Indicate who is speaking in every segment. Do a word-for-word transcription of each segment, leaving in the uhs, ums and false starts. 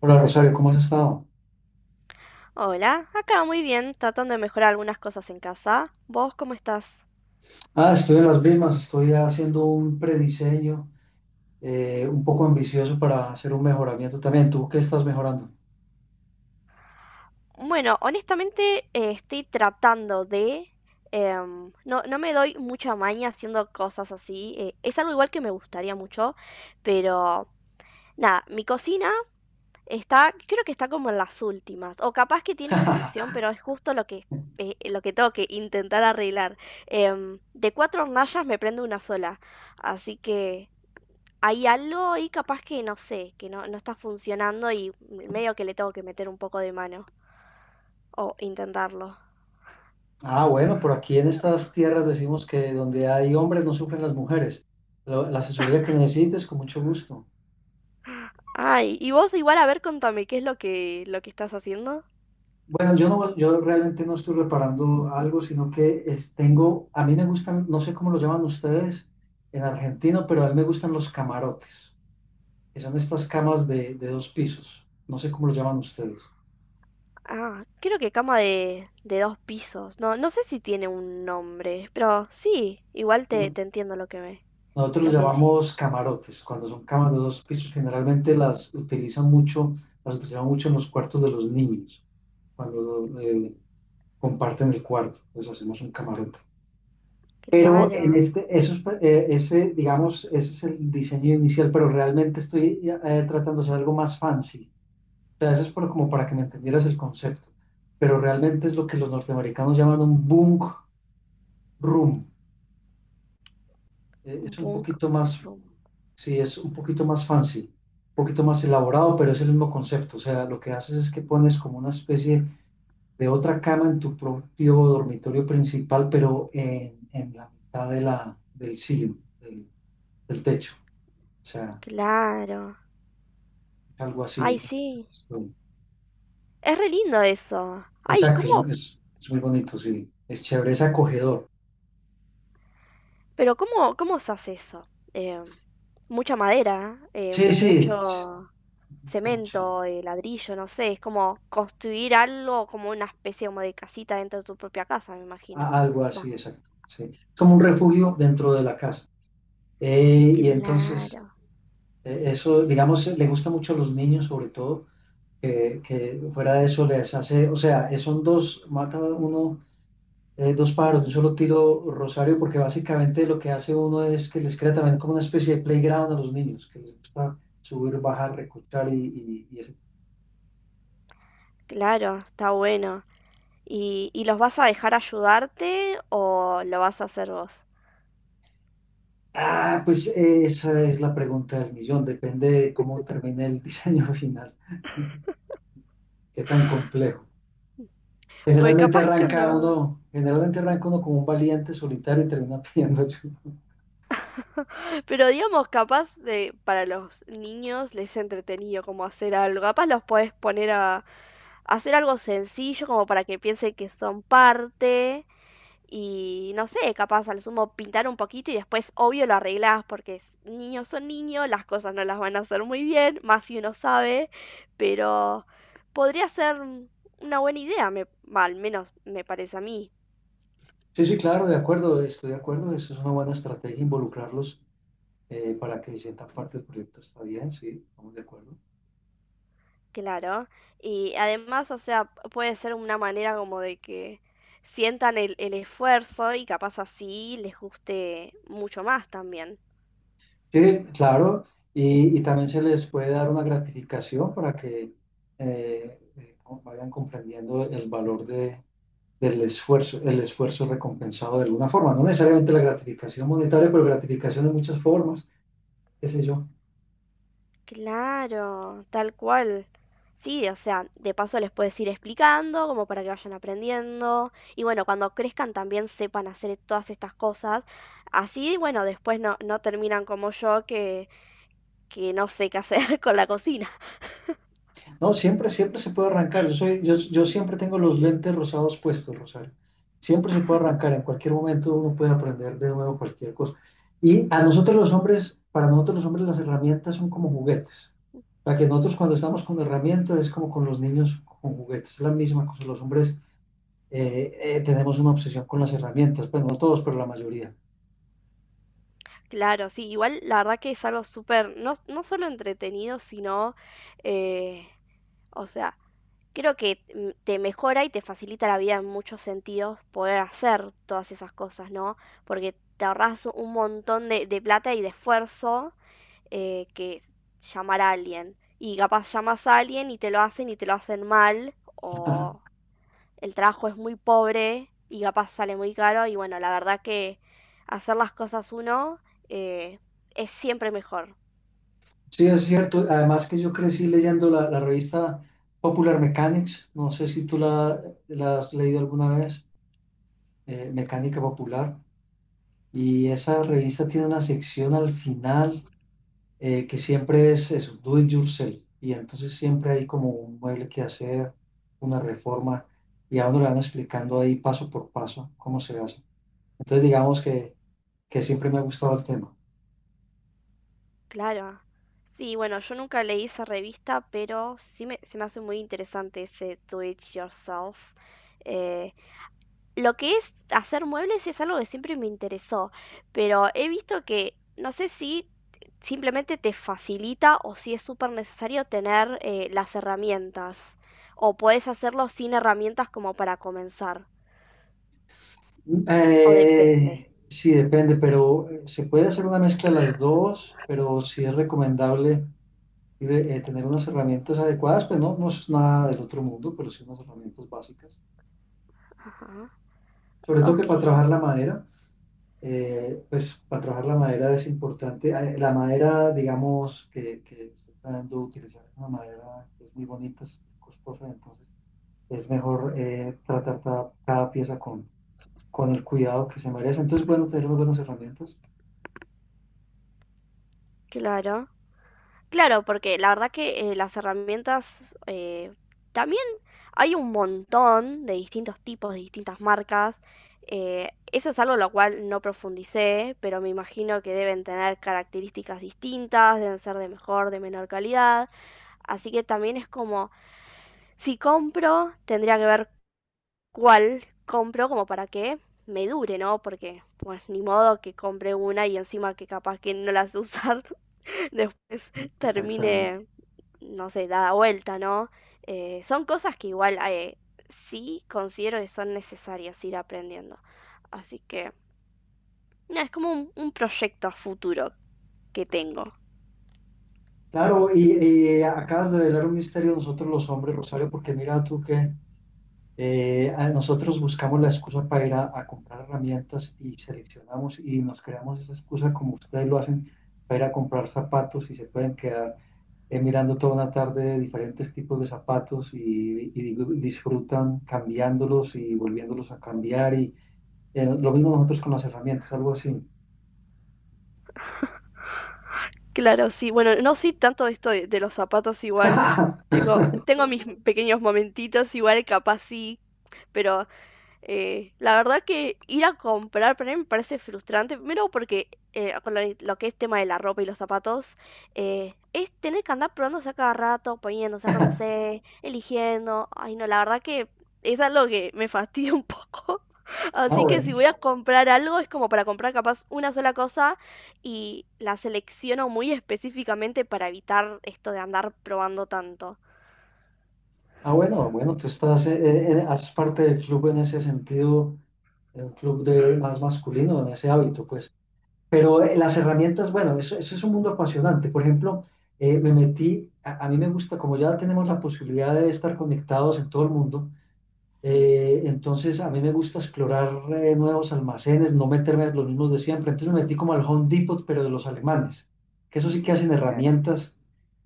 Speaker 1: Hola Rosario, ¿cómo has estado?
Speaker 2: Hola, acá muy bien, tratando de mejorar algunas cosas en casa. ¿Vos cómo estás?
Speaker 1: Ah, estoy en las mismas, estoy haciendo un prediseño eh, un poco ambicioso para hacer un mejoramiento también. ¿Tú qué estás mejorando?
Speaker 2: Bueno, honestamente eh, estoy tratando de... em, no, no me doy mucha maña haciendo cosas así. Eh, es algo igual que me gustaría mucho, pero nada, mi cocina está, creo que está como en las últimas, o capaz que tiene solución, pero es justo lo que, eh, lo que tengo que intentar arreglar. Em, de cuatro hornallas me prende una sola, así que... hay algo ahí capaz que no sé, que no, no está funcionando y medio que le tengo que meter un poco de mano o intentarlo.
Speaker 1: Ah, bueno, por aquí en estas tierras decimos que donde hay hombres no sufren las mujeres. Lo- La asesoría que necesites, con mucho gusto.
Speaker 2: Ay, y vos igual a ver, contame, ¿qué es lo que, lo que estás haciendo?
Speaker 1: Bueno, yo no, yo realmente no estoy reparando algo, sino que es- tengo, a mí me gustan, no sé cómo lo llaman ustedes en Argentina, pero a mí me gustan los camarotes, que son estas camas de, de dos pisos. No sé cómo lo llaman ustedes.
Speaker 2: Ah, creo que cama de, de dos pisos. No, no sé si tiene un nombre, pero sí, igual te,
Speaker 1: ¿No?
Speaker 2: te entiendo lo que me,
Speaker 1: Nosotros los
Speaker 2: lo que decís.
Speaker 1: llamamos camarotes, cuando son camas de dos pisos, generalmente
Speaker 2: Mm.
Speaker 1: las utilizan mucho, las utilizan mucho en los cuartos de los niños, cuando eh, comparten el cuarto, pues hacemos un camarote. Pero en
Speaker 2: Claro,
Speaker 1: este, eso es, eh, ese, digamos, ese es el diseño inicial, pero realmente estoy eh, tratando de hacer algo más fancy. O sea, eso es por- como para que me entendieras el concepto. Pero realmente es lo que los norteamericanos llaman un bunk room. Eh,
Speaker 2: un
Speaker 1: es un
Speaker 2: punk,
Speaker 1: poquito más,
Speaker 2: un-
Speaker 1: sí, es un poquito más fancy, un poquito más elaborado, pero es el mismo concepto. O sea, lo que haces es que pones como una especie de otra cama en tu propio dormitorio principal, pero en, en la mitad de la, del cielo del, del techo. O sea,
Speaker 2: claro.
Speaker 1: es algo
Speaker 2: Ay,
Speaker 1: así.
Speaker 2: sí, es re lindo eso. Ay,
Speaker 1: Exacto, es, un-
Speaker 2: ¿cómo
Speaker 1: es- es muy bonito, sí. Es chévere, es acogedor.
Speaker 2: Pero ¿cómo, cómo usás eso? Eh, mucha madera, eh,
Speaker 1: Sí, sí, es
Speaker 2: mucho
Speaker 1: como chan-
Speaker 2: cemento, eh, ladrillo, no sé, es como construir algo como una especie como de casita dentro de tu propia casa, me imagino.
Speaker 1: a- algo
Speaker 2: Va,
Speaker 1: así, exacto. Sí. Es como un refugio dentro de la casa. Eh, y entonces...
Speaker 2: claro,
Speaker 1: Eh, Eso, digamos, le gusta mucho a los niños, sobre todo, que, que fuera de eso les hace, o sea, eh, son dos, mata uno, eh, dos pájaros de un solo tiro, Rosario, porque básicamente lo que hace uno es que les crea también como una especie de playground a los niños, que les gusta subir, bajar, recortar y, y, y eso.
Speaker 2: claro, está bueno. ¿Y, y los vas a dejar ayudarte o lo vas a hacer vos?
Speaker 1: Ah, pues eh, esa es la pregunta del millón, depende de cómo termine el diseño final, qué tan complejo.
Speaker 2: Porque
Speaker 1: Generalmente
Speaker 2: capaz que lo...
Speaker 1: arranca uno, generalmente arranca uno como un valiente solitario y termina pidiendo ayuda.
Speaker 2: Pero digamos, capaz de, para los niños les es entretenido como hacer algo. Capaz los podés poner a, hacer algo sencillo como para que piensen que son parte y no sé, capaz al sumo pintar un poquito y después obvio lo arreglás porque es- niños son niños, las cosas no las van a hacer muy bien, más si uno sabe, pero podría ser una buena idea, me, al menos me parece a mí.
Speaker 1: Sí, sí, claro, de acuerdo, estoy de acuerdo. Eso es una buena estrategia, involucrarlos eh, para que sientan parte del proyecto. Está bien, sí, estamos de acuerdo.
Speaker 2: Claro, y además, o sea, puede ser una manera como de que sientan el, el esfuerzo y capaz así les guste mucho más también.
Speaker 1: Sí, claro, y, y también se les puede dar una gratificación para que eh, eh, como vayan comprendiendo el valor de, del esfuerzo, el esfuerzo recompensado de alguna forma. No necesariamente la gratificación monetaria, pero gratificación de muchas formas, qué sé yo.
Speaker 2: Claro, tal cual. Sí, o sea, de paso les puedes ir explicando, como para que vayan aprendiendo. Y bueno, cuando crezcan también sepan hacer todas estas cosas. Así, bueno, después no, no terminan como yo que, que no sé qué hacer con la cocina.
Speaker 1: No, siempre, siempre se puede arrancar. Yo soy, yo, yo siempre tengo los lentes rosados puestos, Rosario. Siempre se puede arrancar. En cualquier momento uno puede aprender de nuevo cualquier cosa. Y a nosotros los hombres, para nosotros los hombres las herramientas son como juguetes. O sea, que nosotros cuando estamos con herramientas es como con los niños con juguetes. Es la misma cosa. Los hombres eh, eh, tenemos una obsesión con las herramientas. Pues no todos, pero la mayoría.
Speaker 2: Claro, sí, igual la verdad que es algo súper, no, no solo entretenido, sino, eh, o sea, creo que mm, te mejora y te facilita la vida en muchos sentidos poder hacer todas esas cosas, ¿no? Porque te ahorras un montón de, de plata y de esfuerzo eh, que es llamar a alguien. Y capaz llamas a alguien y te lo hacen y te lo hacen mal, o el trabajo es muy pobre y capaz sale muy caro. Y bueno, la verdad que hacer las cosas uno eh, es siempre mejor.
Speaker 1: Sí, es cierto. Además que yo crecí leyendo la, la revista Popular Mechanics. No sé si tú la, la has leído alguna vez, eh, Mecánica Popular. Y esa revista tiene una sección al final eh, que siempre es eso, do it yourself. Y entonces siempre hay como un mueble que hacer, una reforma, y a uno le van explicando ahí paso por paso cómo se hace. Entonces digamos que, que siempre me ha gustado el tema.
Speaker 2: Claro. Sí, bueno, yo nunca leí esa revista, pero sí me, se me hace muy interesante ese Do It Yourself. Eh, lo que es hacer muebles es algo que siempre me interesó, pero he visto que no sé si simplemente te facilita o si es súper necesario tener eh, las herramientas, o puedes hacerlo sin herramientas como para comenzar, o depende.
Speaker 1: Eh, sí, depende, pero eh, se puede hacer una mezcla de las dos, pero sí es recomendable eh, tener unas herramientas adecuadas, pues no, no es nada del otro mundo, pero sí unas herramientas básicas.
Speaker 2: Ajá.
Speaker 1: Sobre todo que
Speaker 2: Ok,
Speaker 1: para trabajar la madera, eh, pues para trabajar la madera es importante. Eh, La madera, digamos, que, que está dando utilizar es una madera que es muy bonita, es costosa, entonces es mejor eh, tratar cada, cada pieza con, con el cuidado que se merece. Entonces, bueno, tener unas buenas herramientas.
Speaker 2: claro. Claro, porque la verdad que eh, las herramientas eh, también hay un montón de distintos tipos, de distintas marcas. Eh, eso es algo lo cual no profundicé, pero me imagino que deben tener características distintas, deben ser de mejor, de menor calidad. Así que también es como, si compro, tendría que ver cuál compro como para que me dure, ¿no? Porque pues ni modo que compre una y encima que capaz que no las usar después
Speaker 1: Exactamente.
Speaker 2: termine no sé, dada vuelta, ¿no? Eh, son cosas que igual eh, sí considero que son necesarias ir aprendiendo. Así que no, es como un, un proyecto a futuro que tengo.
Speaker 1: Claro, y, y eh, acabas de velar un misterio de nosotros los hombres, Rosario, porque mira tú que eh, a- nosotros buscamos la excusa para ir a, a comprar herramientas y seleccionamos y nos creamos esa excusa como ustedes lo hacen para ir a comprar zapatos y se pueden quedar eh, mirando toda una tarde diferentes tipos de zapatos y, y di- disfrutan cambiándolos y volviéndolos a cambiar y eh, lo mismo nosotros con las herramientas, algo así.
Speaker 2: Claro, sí. Bueno, no soy tanto de esto de, de los zapatos igual. Tengo, tengo mis pequeños momentitos igual, capaz sí, pero Eh, la verdad que ir a comprar para mí me parece frustrante, primero porque eh, con lo, lo que es tema de la ropa y los zapatos, eh, es tener que andar probándose a cada rato, poniendo, sacándose, eligiendo. Ay, no, la verdad que es algo que me fastidia un poco.
Speaker 1: Ah,
Speaker 2: Así que si
Speaker 1: bueno.
Speaker 2: voy a comprar algo, es como para comprar capaz una sola cosa y la selecciono muy específicamente para evitar esto de andar probando tanto.
Speaker 1: Ah, bueno, bueno, tú estás, eh, eh, eh, haces parte del club en ese sentido, un club de más masculino, en ese hábito, pues. Pero eh, las herramientas, bueno, eso, eso es un mundo apasionante. Por ejemplo, eh, me metí, a, a mí me gusta, como ya tenemos la posibilidad de estar conectados en todo el mundo, eh, entonces a mí me gusta explorar eh, nuevos almacenes, no meterme en los mismos de siempre. Entonces me metí como al Home Depot, pero de los alemanes, que eso sí que hacen
Speaker 2: Claro.
Speaker 1: herramientas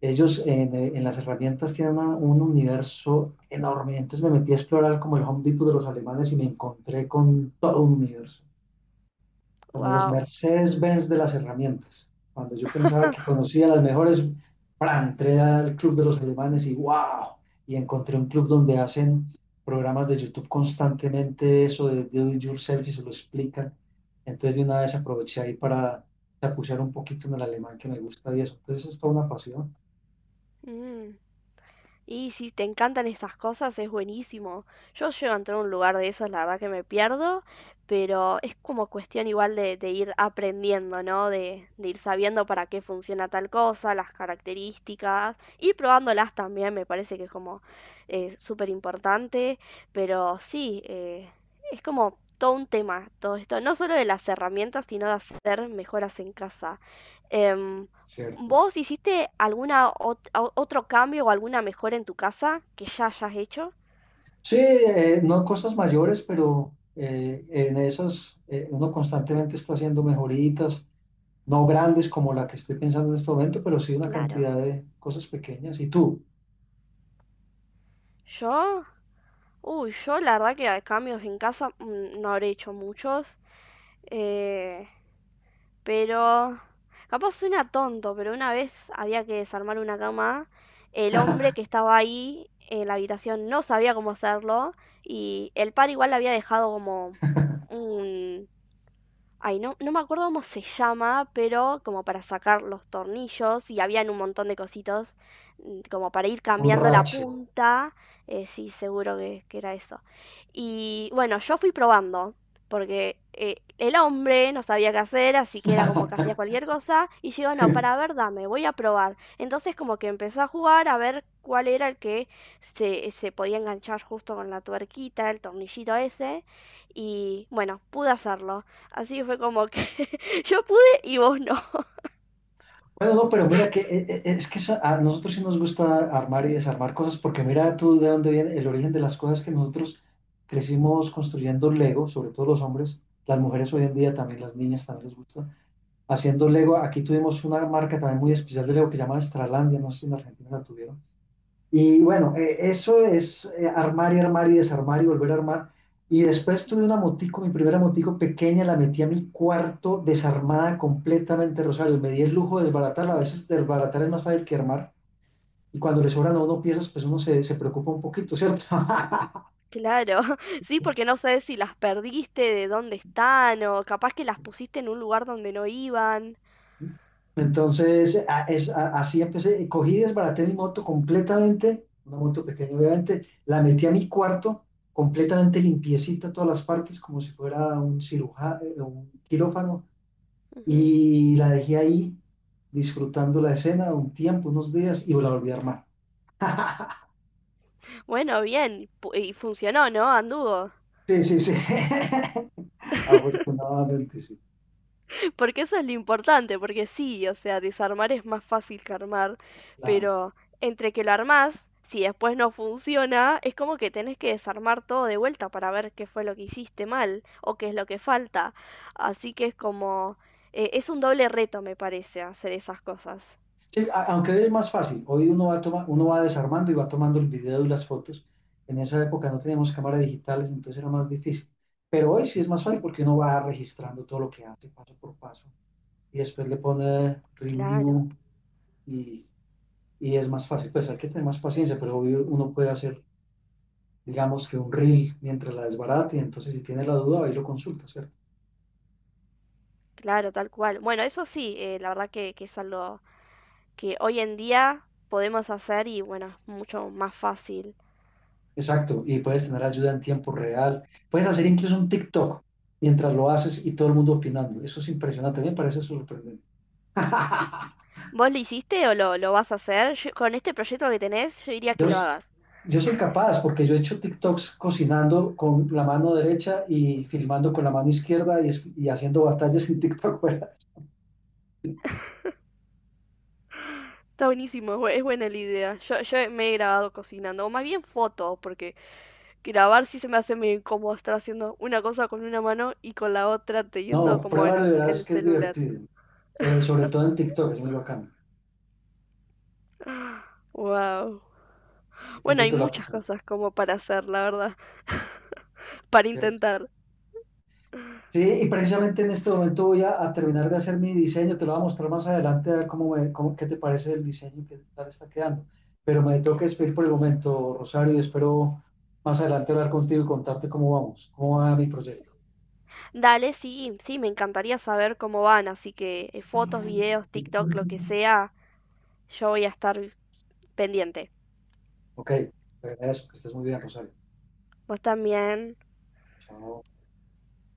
Speaker 1: ellos en, eh, en las herramientas tienen una- un universo enorme. Entonces me metí a explorar como el Home Depot de los alemanes y me encontré con todo un universo, como los
Speaker 2: Wow.
Speaker 1: Mercedes-Benz de las herramientas. Cuando yo pensaba que conocía las mejores, ¡pra! Entré al club de los alemanes y wow, y encontré un club donde hacen programas de YouTube constantemente, eso de Do It Yourself y se lo explican. Entonces de una vez aproveché ahí para chapucear un poquito en el alemán que me gusta y eso. Entonces es toda una pasión.
Speaker 2: Y si te encantan esas cosas, es buenísimo. Yo llego a entrar a un lugar de esos, la verdad que me pierdo, pero es como cuestión igual de, de ir aprendiendo, ¿no? De, de ir sabiendo para qué funciona tal cosa, las características, y probándolas también, me parece que es como eh, súper importante, pero sí, eh, es como todo un tema, todo esto, no solo de las herramientas, sino de hacer mejoras en casa. Em,
Speaker 1: Cierto.
Speaker 2: ¿vos hiciste alguna ot- o- otro cambio o alguna mejora en tu casa que ya hayas hecho?
Speaker 1: Sí, eh, no cosas mayores, pero eh, en esas eh, uno constantemente está haciendo mejoritas, no grandes como la que estoy pensando en este momento, pero sí una
Speaker 2: Claro.
Speaker 1: cantidad de cosas pequeñas. ¿Y tú?
Speaker 2: Yo, uy, yo la verdad que a cambios en casa mm, no habré hecho muchos, eh, pero capaz suena tonto, pero una vez había que desarmar una cama, el hombre que estaba ahí en la habitación no sabía cómo hacerlo y el par igual le había dejado como un, Ay, no, no me acuerdo cómo se llama, pero como para sacar los tornillos y habían un montón de cositos mm, como para ir
Speaker 1: Un
Speaker 2: cambiando la
Speaker 1: rache.
Speaker 2: punta. Eh, sí, seguro que, que era eso. Y bueno, yo fui probando, porque eh, el hombre no sabía qué hacer, así que era como que hacía cualquier cosa. Y yo digo, no, para ver, dame, voy a probar. Entonces como que empecé a jugar a ver cuál era el que se, se podía enganchar justo con la tuerquita, el tornillito ese. Y bueno, pude hacerlo. Así fue como que yo pude y vos no.
Speaker 1: Bueno, no, pero mira que eh, eh, es que eso- a nosotros sí nos gusta armar y desarmar cosas, porque mira tú de dónde viene el origen de las cosas que nosotros crecimos construyendo Lego, sobre todo los hombres, las
Speaker 2: Ujú.
Speaker 1: mujeres hoy en día también, las niñas también les gusta haciendo Lego. Aquí tuvimos una marca también muy especial de Lego que se llama Estralandia, no sé si en Argentina la tuvieron. Y bueno, eh, eso es eh, armar y armar y desarmar y volver a armar. Y después tuve una motico, mi primera motico pequeña, la metí a mi cuarto desarmada completamente, Rosario. Me di el lujo de desbaratarla. A veces desbaratar es más fácil que armar. Y cuando le sobran a uno piezas, pues uno se, se preocupa un poquito, ¿cierto?
Speaker 2: Claro, sí, porque no sabes si las perdiste, de dónde están, o capaz que las pusiste en un lugar donde no iban.
Speaker 1: Entonces, a- es, a- así empecé. Cogí y desbaraté mi moto completamente, una moto pequeña, obviamente. La metí a mi cuarto, completamente limpiecita todas las partes, como si fuera un cirujano, un quirófano.
Speaker 2: Ujú.
Speaker 1: Y la dejé ahí, disfrutando la escena un tiempo, unos días, y la volví a armar.
Speaker 2: Bueno, bien, pu- y funcionó, ¿no? Anduvo.
Speaker 1: Sí, sí, sí. Afortunadamente, sí.
Speaker 2: Porque eso es lo importante, porque sí, o sea, desarmar es más fácil que armar,
Speaker 1: Claro.
Speaker 2: pero entre que lo armás, si después no funciona, es como que tenés que desarmar todo de vuelta para ver qué fue lo que hiciste mal o qué es lo que falta. Así que es como, eh, es un doble reto, me parece, hacer esas cosas.
Speaker 1: Sí, a- aunque hoy es más fácil, hoy uno va toma- uno va desarmando y va tomando el video y las fotos. En esa época no teníamos cámaras digitales, entonces era más difícil. Pero hoy sí es más fácil porque uno va registrando todo lo que hace paso por paso y después le pone
Speaker 2: Claro,
Speaker 1: review y, y es más fácil. Pues hay que tener más paciencia, pero obvio uno puede hacer, digamos que un reel mientras la desbarata y entonces si tiene la duda, ahí lo consulta, ¿cierto?
Speaker 2: claro, tal cual. Bueno, eso sí, eh, la verdad que, que es algo que hoy en día podemos hacer y bueno, es mucho más fácil.
Speaker 1: Exacto, y puedes tener ayuda en tiempo real. Puedes hacer incluso un TikTok mientras lo haces y todo el mundo opinando. Eso es impresionante, me parece sorprendente.
Speaker 2: ¿Vos lo hiciste o lo, lo vas a hacer? Yo- con este proyecto que tenés, yo diría
Speaker 1: Yo,
Speaker 2: que lo
Speaker 1: s-
Speaker 2: hagas.
Speaker 1: yo soy capaz porque yo he hecho TikToks cocinando con la mano derecha y filmando con la mano izquierda y, es- y haciendo batallas en TikTok. ¿verdad?
Speaker 2: Está buenísimo, es bu- es buena la idea. Yo, yo me he grabado cocinando, o más bien fotos, porque grabar sí se me hace medio incómodo estar haciendo una cosa con una mano y con la otra teniendo
Speaker 1: No,
Speaker 2: como
Speaker 1: prueba
Speaker 2: el,
Speaker 1: de verás
Speaker 2: el
Speaker 1: que es
Speaker 2: celular.
Speaker 1: divertido. Eh, sobre todo en TikTok, es muy bacano.
Speaker 2: Wow.
Speaker 1: Yo te
Speaker 2: Bueno, hay
Speaker 1: invito a la
Speaker 2: muchas
Speaker 1: próxima.
Speaker 2: cosas como para hacer, la verdad. Para
Speaker 1: ¿Cierto?
Speaker 2: intentar.
Speaker 1: Sí, y precisamente en este momento voy a, a terminar de hacer mi diseño, te lo voy a mostrar más adelante, a ver cómo me, cómo- qué te parece el diseño y qué tal está quedando. Pero me tengo que despedir por el momento, Rosario, y espero más adelante hablar contigo y contarte cómo vamos, cómo va mi proyecto.
Speaker 2: Dale, sí, sí, me encantaría saber cómo van, así que eh, fotos, videos, TikTok, lo que sea, yo voy a estar pendiente.
Speaker 1: Ok, te agradezco, que estés muy bien, Rosario.
Speaker 2: Vos también.
Speaker 1: Chao.